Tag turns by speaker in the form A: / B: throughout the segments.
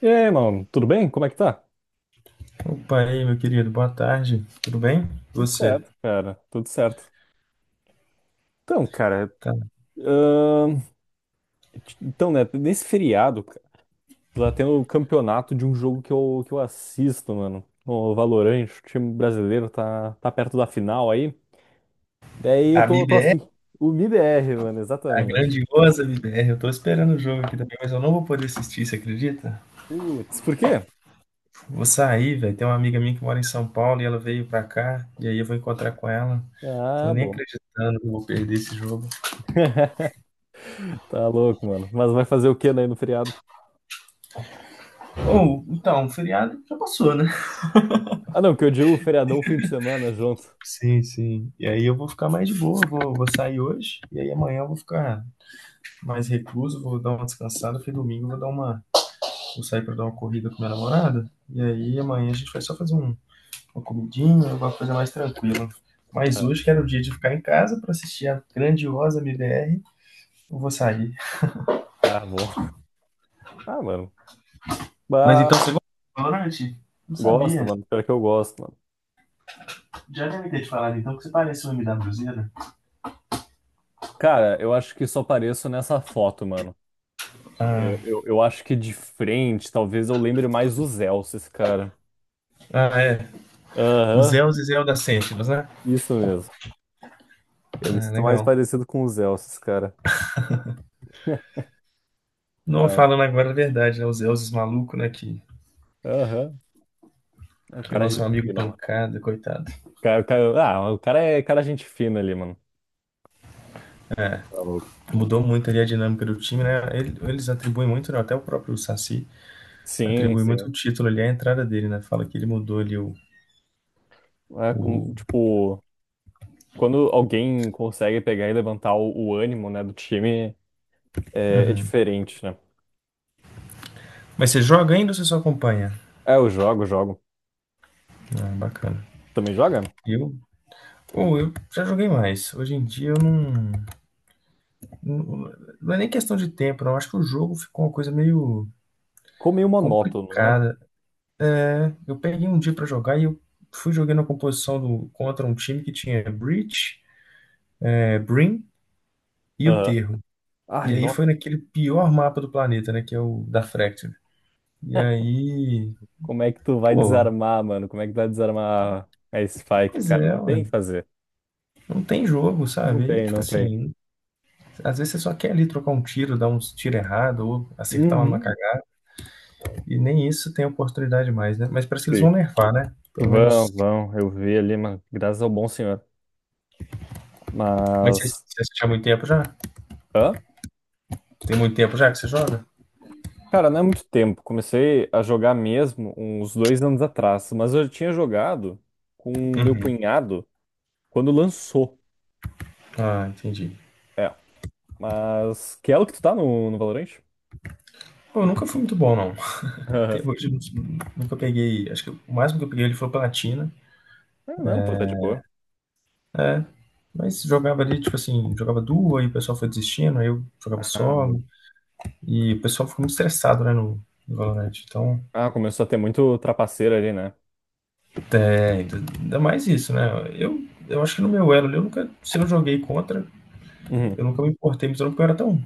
A: E aí, mano, tudo bem? Como é que tá?
B: Opa, aí, meu querido, boa tarde. Tudo bem?
A: Tudo
B: Você?
A: certo, cara, tudo certo. Então, cara,
B: Tá.
A: ahn, então, né, nesse feriado, cara, tá tendo o campeonato de um jogo que eu assisto, mano. O Valorant, o time brasileiro tá perto da final aí. Daí
B: A
A: eu tô
B: MIBR,
A: afim. O MIBR, mano,
B: a
A: exatamente.
B: grandiosa MIBR, eu tô
A: Grande.
B: esperando o jogo aqui também, mas eu não vou poder assistir, você acredita?
A: Putz, por quê?
B: Vou sair, velho. Tem uma amiga minha que mora em São Paulo e ela veio pra cá, e aí eu vou encontrar com ela. Tô
A: Ah,
B: nem
A: bom.
B: acreditando que eu vou perder esse jogo.
A: Tá louco, mano. Mas vai fazer o quê daí no feriado?
B: Ou, então, o feriado já passou, né?
A: Ah, não, que eu digo feriadão, fim de semana junto.
B: Sim, sim. E aí eu vou ficar mais de boa, vou sair hoje, e aí amanhã eu vou ficar mais recluso, vou dar uma descansada, porque domingo eu vou sair pra dar uma corrida com minha namorada. E aí amanhã a gente vai só fazer uma comidinha, uma coisa mais tranquila. Mas
A: Ah,
B: hoje, que era o dia de ficar em casa pra assistir a grandiosa MBR, eu vou sair.
A: ah, bom. Ah, mano.
B: Mas então você gosta de Valorant? Não
A: Gosto,
B: sabia.
A: mano. Pior que eu gosto, mano.
B: Já deve ter te falado então que você parece um MWZ.
A: Cara, eu acho que só apareço nessa foto, mano.
B: Ah,
A: É, eu acho que de frente, talvez eu lembre mais dos Elces, cara.
B: ah, é. Os
A: Aham,
B: Elzes e Zelda Sentinels, né?
A: isso mesmo. Eu me
B: Ah,
A: sinto mais
B: legal.
A: parecido com os Elces, cara.
B: Não,
A: Tá.
B: falando agora a verdade, né? Os Elzes maluco, né? Que,
A: Aham. É, o
B: o
A: cara é
B: nosso
A: gente
B: amigo
A: fina, mano.
B: Pancada, coitado.
A: O cara- ah, o cara é gente fina ali, mano. Tá louco.
B: Mudou muito ali a dinâmica do time, né? Eles atribuem muito, né? Até o próprio Saci
A: Sim,
B: atribui muito
A: sim.
B: o título ali à entrada dele, né? Fala que ele mudou ali o.
A: É,
B: o...
A: tipo, quando alguém consegue pegar e levantar o ânimo, né, do time, é
B: Uhum.
A: diferente, né?
B: Mas você joga ainda ou você só acompanha?
A: É, eu jogo, jogo.
B: Ah, bacana.
A: Também joga?
B: Eu, pô, eu já joguei mais. Hoje em dia eu não, não. Não é nem questão de tempo, não. Eu acho que o jogo ficou uma coisa meio
A: Ficou meio monótono, né?
B: complicada. Né? Eu peguei um dia pra jogar e eu fui jogando a composição contra um time que tinha Breach, Brim e o
A: Aham.
B: Terro.
A: Ai,
B: E aí
A: nossa.
B: foi naquele pior mapa do planeta, né? Que é o da Fracture. E aí.
A: Como é que tu vai
B: Pô,
A: desarmar, mano? Como é que tu vai desarmar a Spike,
B: pois
A: cara?
B: é,
A: Não
B: ué.
A: tem o que fazer.
B: Não tem jogo,
A: Não
B: sabe? E
A: tem,
B: tipo
A: não tem.
B: assim, às vezes você só quer ali trocar um tiro, dar uns tiro errado ou acertar uma numa
A: Uhum.
B: cagada, e nem isso tem oportunidade mais, né? Mas parece que eles
A: Sim.
B: vão nerfar, né? Pelo
A: Vão,
B: menos.
A: vão. Eu vi ali, mas graças ao bom senhor.
B: Mas você,
A: Mas.
B: você assiste há muito tempo já?
A: Hã?
B: Tem muito tempo já que você joga?
A: Cara, não é muito tempo. Comecei a jogar mesmo uns 2 anos atrás. Mas eu tinha jogado com o meu
B: Uhum.
A: cunhado quando lançou.
B: Ah, entendi.
A: É. Mas. Que é o que tu tá no Valorant?
B: Pô, eu nunca fui muito bom, não. Até hoje eu nunca peguei. Acho que o máximo que eu peguei ele foi platina,
A: Ah, não, pô, tá de boa.
B: né? Mas jogava ali, tipo assim, jogava duo, aí o pessoal foi desistindo, aí eu jogava
A: Ah, bom.
B: solo, e o pessoal ficou muito estressado, né, no Valorant. Então.
A: Ah, começou a ter muito trapaceiro ali, né?
B: Tem, ainda mais isso, né? Eu, eu acho que no meu elo ali, eu nunca, se eu joguei contra,
A: Uhum.
B: eu nunca me importei, mas eu não, porque eu era tão,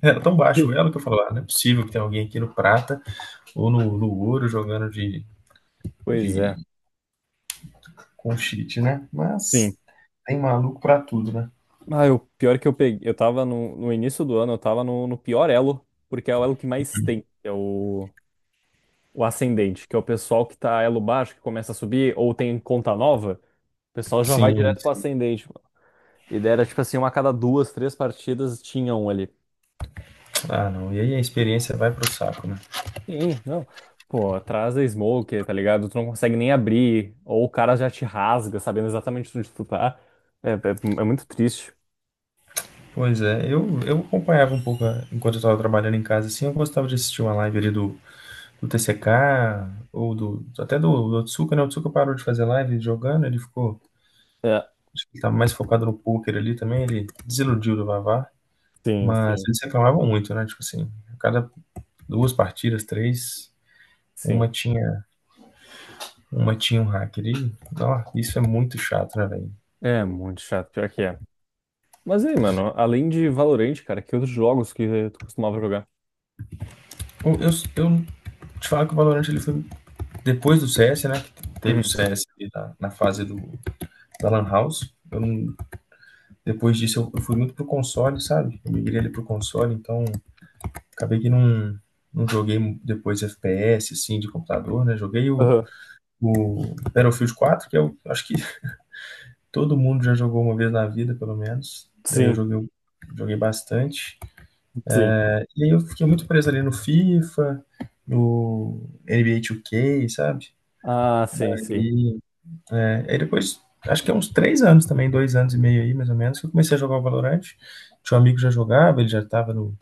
B: era tão baixo o
A: Sim.
B: elo que eu falava, ah, não é possível que tenha alguém aqui no prata ou no ouro jogando de,
A: Pois
B: de
A: é.
B: com cheat, né?
A: Sim.
B: Mas tem maluco pra tudo, né?
A: Ah, o pior é que eu peguei. Eu tava no início do ano, eu tava no pior elo, porque é o elo que mais tem, que é o ascendente, que é o pessoal que tá elo baixo, que começa a subir, ou tem conta nova, o pessoal já vai
B: Sim,
A: direto pro
B: sim.
A: ascendente, mano. E daí era tipo assim, uma a cada duas, três partidas tinha um ali.
B: Ah, não. E aí a experiência vai pro saco, né?
A: Sim, não. Pô, atrás da smoke, tá ligado? Tu não consegue nem abrir, ou o cara já te rasga, sabendo exatamente onde tu tá. É, é, é muito triste.
B: Pois é, eu acompanhava um pouco enquanto eu tava trabalhando em casa, assim, eu gostava de assistir uma live ali do TCK, ou até do Otsuka, né? O Otsuka parou de fazer live jogando, ele ficou,
A: É,
B: acho que ele tá mais focado no poker ali também, ele desiludiu do Vavá,
A: sim,
B: mas
A: sim,
B: eles reclamavam muito, né? Tipo assim, a cada duas partidas, três, uma
A: sim.
B: tinha uma tinha um hacker e, ó, isso é muito chato, né, velho?
A: É muito chato, pior que é. Mas aí, mano, além de Valorant, cara, que outros jogos que tu costumava jogar?
B: Eu, eu, te falo que o Valorant ele foi depois do CS, né? Teve o
A: Uhum.
B: CS ali na fase da Lan House. Eu depois disso eu fui muito pro console, sabe? Eu migrei ali pro console, então acabei que não joguei depois FPS, assim, de computador, né? Joguei o,
A: Aham.
B: o Battlefield 4, que eu acho que todo mundo já jogou uma vez na vida, pelo menos. Daí eu
A: Sim,
B: joguei bastante.
A: sim.
B: E aí eu fiquei muito preso ali no FIFA, no NBA 2K, sabe?
A: Ah, sim, sim.
B: E aí depois, acho que é uns 3 anos também, 2 anos e meio aí, mais ou menos, que eu comecei a jogar o Valorant. Tinha um amigo que já jogava, ele já tava no,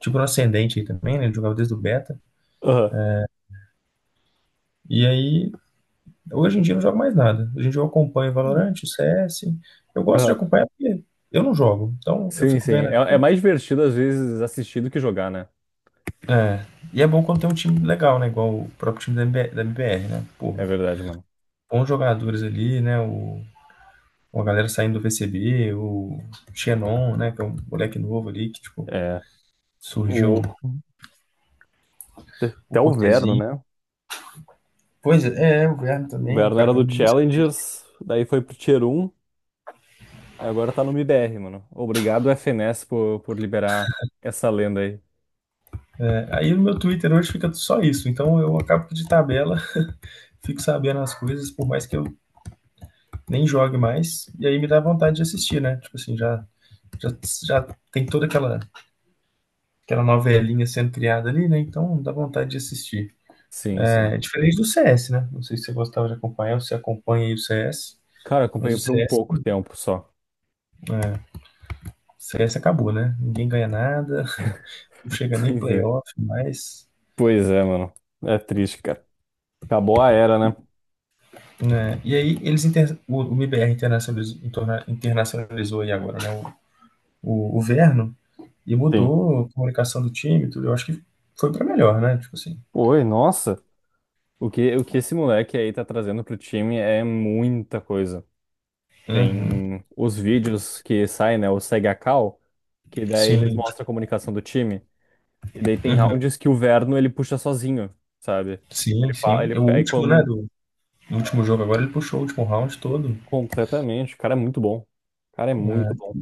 B: tipo, no ascendente aí também, né? Ele jogava desde o beta.
A: Aham.
B: E aí hoje em dia eu não jogo mais nada. Hoje em dia eu acompanho o Valorant, o CS. Eu gosto de
A: Aham.
B: acompanhar porque eu não jogo. Então eu
A: Sim,
B: fico
A: sim.
B: vendo.
A: É mais divertido, às vezes, assistir do que jogar, né?
B: É. E é bom quando tem um time legal, né? Igual o próprio time da MBR, né? Porra.
A: É verdade, mano.
B: Bons jogadores ali, né? Uma galera saindo do VCB, o Xenon, né? Que é um moleque novo ali que, tipo,
A: É.
B: surgiu.
A: O...
B: O
A: Até o Verno,
B: Cortezinho.
A: né?
B: Pois é, o Verno
A: O
B: também, um
A: Verno
B: cara
A: era
B: que eu
A: do
B: nem sabia.
A: Challengers, daí foi pro Tier 1 agora tá no MIBR, mano. Obrigado, FNES, por liberar essa lenda aí.
B: Aí no meu Twitter hoje fica só isso. Então eu acabo que de tabela fico sabendo as coisas, por mais que eu nem jogue mais, e aí me dá vontade de assistir, né? Tipo assim, já, já tem toda aquela novelinha sendo criada ali, né? Então dá vontade de assistir.
A: Sim, sim.
B: É diferente do CS, né? Não sei se você gostava de acompanhar ou se acompanha aí o CS,
A: Cara,
B: mas
A: acompanhei
B: o
A: por um
B: CS,
A: pouco tempo só.
B: é, CS acabou, né? Ninguém ganha nada, não chega nem
A: Pois é.
B: playoff mais.
A: Pois é, mano. É triste, cara. Acabou a era, né?
B: Né? E aí o MBR internacionalizou, aí agora, né? O Verno e
A: Sim.
B: mudou a comunicação do time, tudo. Eu acho que foi para melhor, né? Tipo assim.
A: Oi, nossa. O que esse moleque aí tá trazendo pro time é muita coisa.
B: Uhum.
A: Tem os vídeos que saem, né? O Segue a Cal, que daí eles
B: Sim,
A: mostram a comunicação do time. E daí tem
B: uhum.
A: rounds que o Verno ele puxa sozinho, sabe? Ele
B: Sim,
A: fala,
B: sim.
A: ele
B: É. O
A: pega
B: último, né,
A: como
B: do o último jogo agora, ele puxou o último round todo.
A: completamente. O cara é muito bom. O cara é muito
B: É.
A: bom.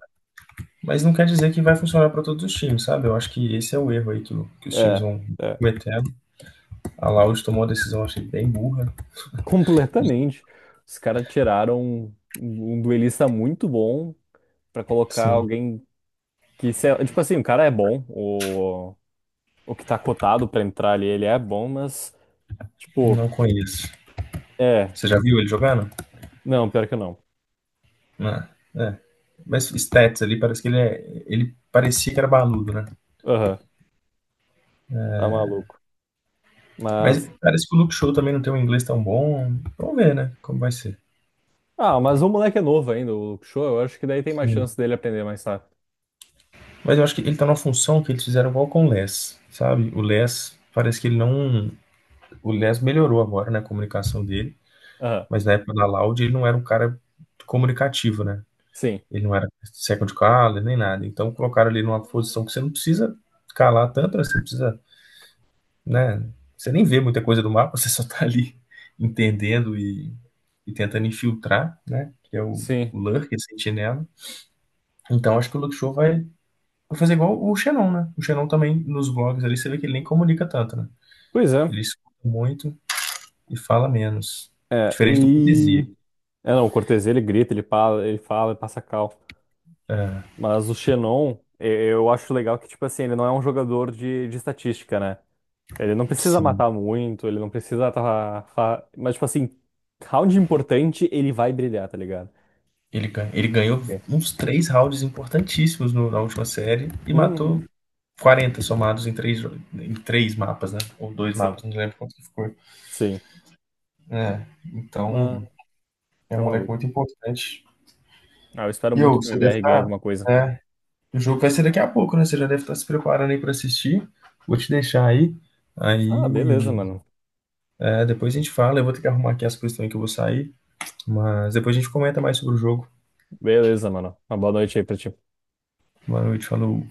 B: Mas não quer dizer que vai funcionar para todos os times, sabe? Eu acho que esse é o erro aí que, que os times
A: É,
B: vão
A: é.
B: cometendo. A Loud tomou uma decisão, achei bem burra.
A: Completamente. Os caras tiraram um duelista muito bom pra colocar
B: Sim,
A: alguém que, sei lá, tipo assim, o cara é bom, o que tá cotado pra entrar ali, ele é bom, mas, tipo,
B: não conheço.
A: é.
B: Você já viu ele jogando?
A: Não, pior que não.
B: Ah, é. Mas stats ali, parece que ele é. Ele parecia que era baludo, né?
A: Aham, tá maluco.
B: Mas
A: Mas,
B: parece que o Luke Show também não tem um inglês tão bom. Vamos ver, né? Como vai ser.
A: mas o moleque é novo ainda, o show, eu acho que daí tem mais
B: Sim.
A: chance dele aprender mais rápido.
B: Mas eu acho que ele tá numa função que eles fizeram igual com o Less, sabe? O Less, parece que ele não. O Less melhorou agora, né, a comunicação dele,
A: Aham,
B: mas na época da Loud ele não era um cara comunicativo, né?
A: sim,
B: Ele não era second caller nem nada. Então colocaram ele numa posição que você não precisa calar tanto, né? Você precisa, né? Você nem vê muita coisa do mapa, você só tá ali entendendo e tentando infiltrar, né? Que é o,
A: sim.
B: o Lurk, esse sentinela. Então acho que o Luke Show vai, Vou fazer igual o Xenon, né? O Xenon também, nos vlogs ali, você vê que ele nem comunica tanto, né?
A: Pois é,
B: Ele escuta muito e fala menos.
A: é,
B: Diferente do Cortesia.
A: e. É, não, o Cortez ele grita, ele fala, ele fala, ele passa cal. Mas o Xenon, eu acho legal que, tipo assim, ele não é um jogador de estatística, né? Ele não precisa
B: Sim.
A: matar muito, ele não precisa tá, mas, tipo assim, round importante, ele vai brilhar, tá ligado?
B: Ele ganhou
A: É.
B: uns três rounds importantíssimos na última série e matou
A: Uhum.
B: 40 somados em três, em três mapas, né? Ou dois
A: Sim,
B: mapas, não lembro quanto que ficou.
A: sim.
B: É,
A: Mas.
B: então é um
A: Tá
B: moleque
A: maluco.
B: muito importante.
A: Ah, eu espero
B: E ô,
A: muito que o
B: você deve
A: MBR ganhe
B: estar.
A: alguma coisa.
B: É, o jogo vai ser daqui a pouco, né? Você já deve estar se preparando aí para assistir. Vou te deixar aí.
A: Ah, beleza,
B: Aí,
A: mano.
B: Depois a gente fala, eu vou ter que arrumar aqui as coisas também que eu vou sair, mas depois a gente comenta mais sobre o jogo.
A: Beleza, mano. Uma boa noite aí pra ti.
B: Boa noite, falou.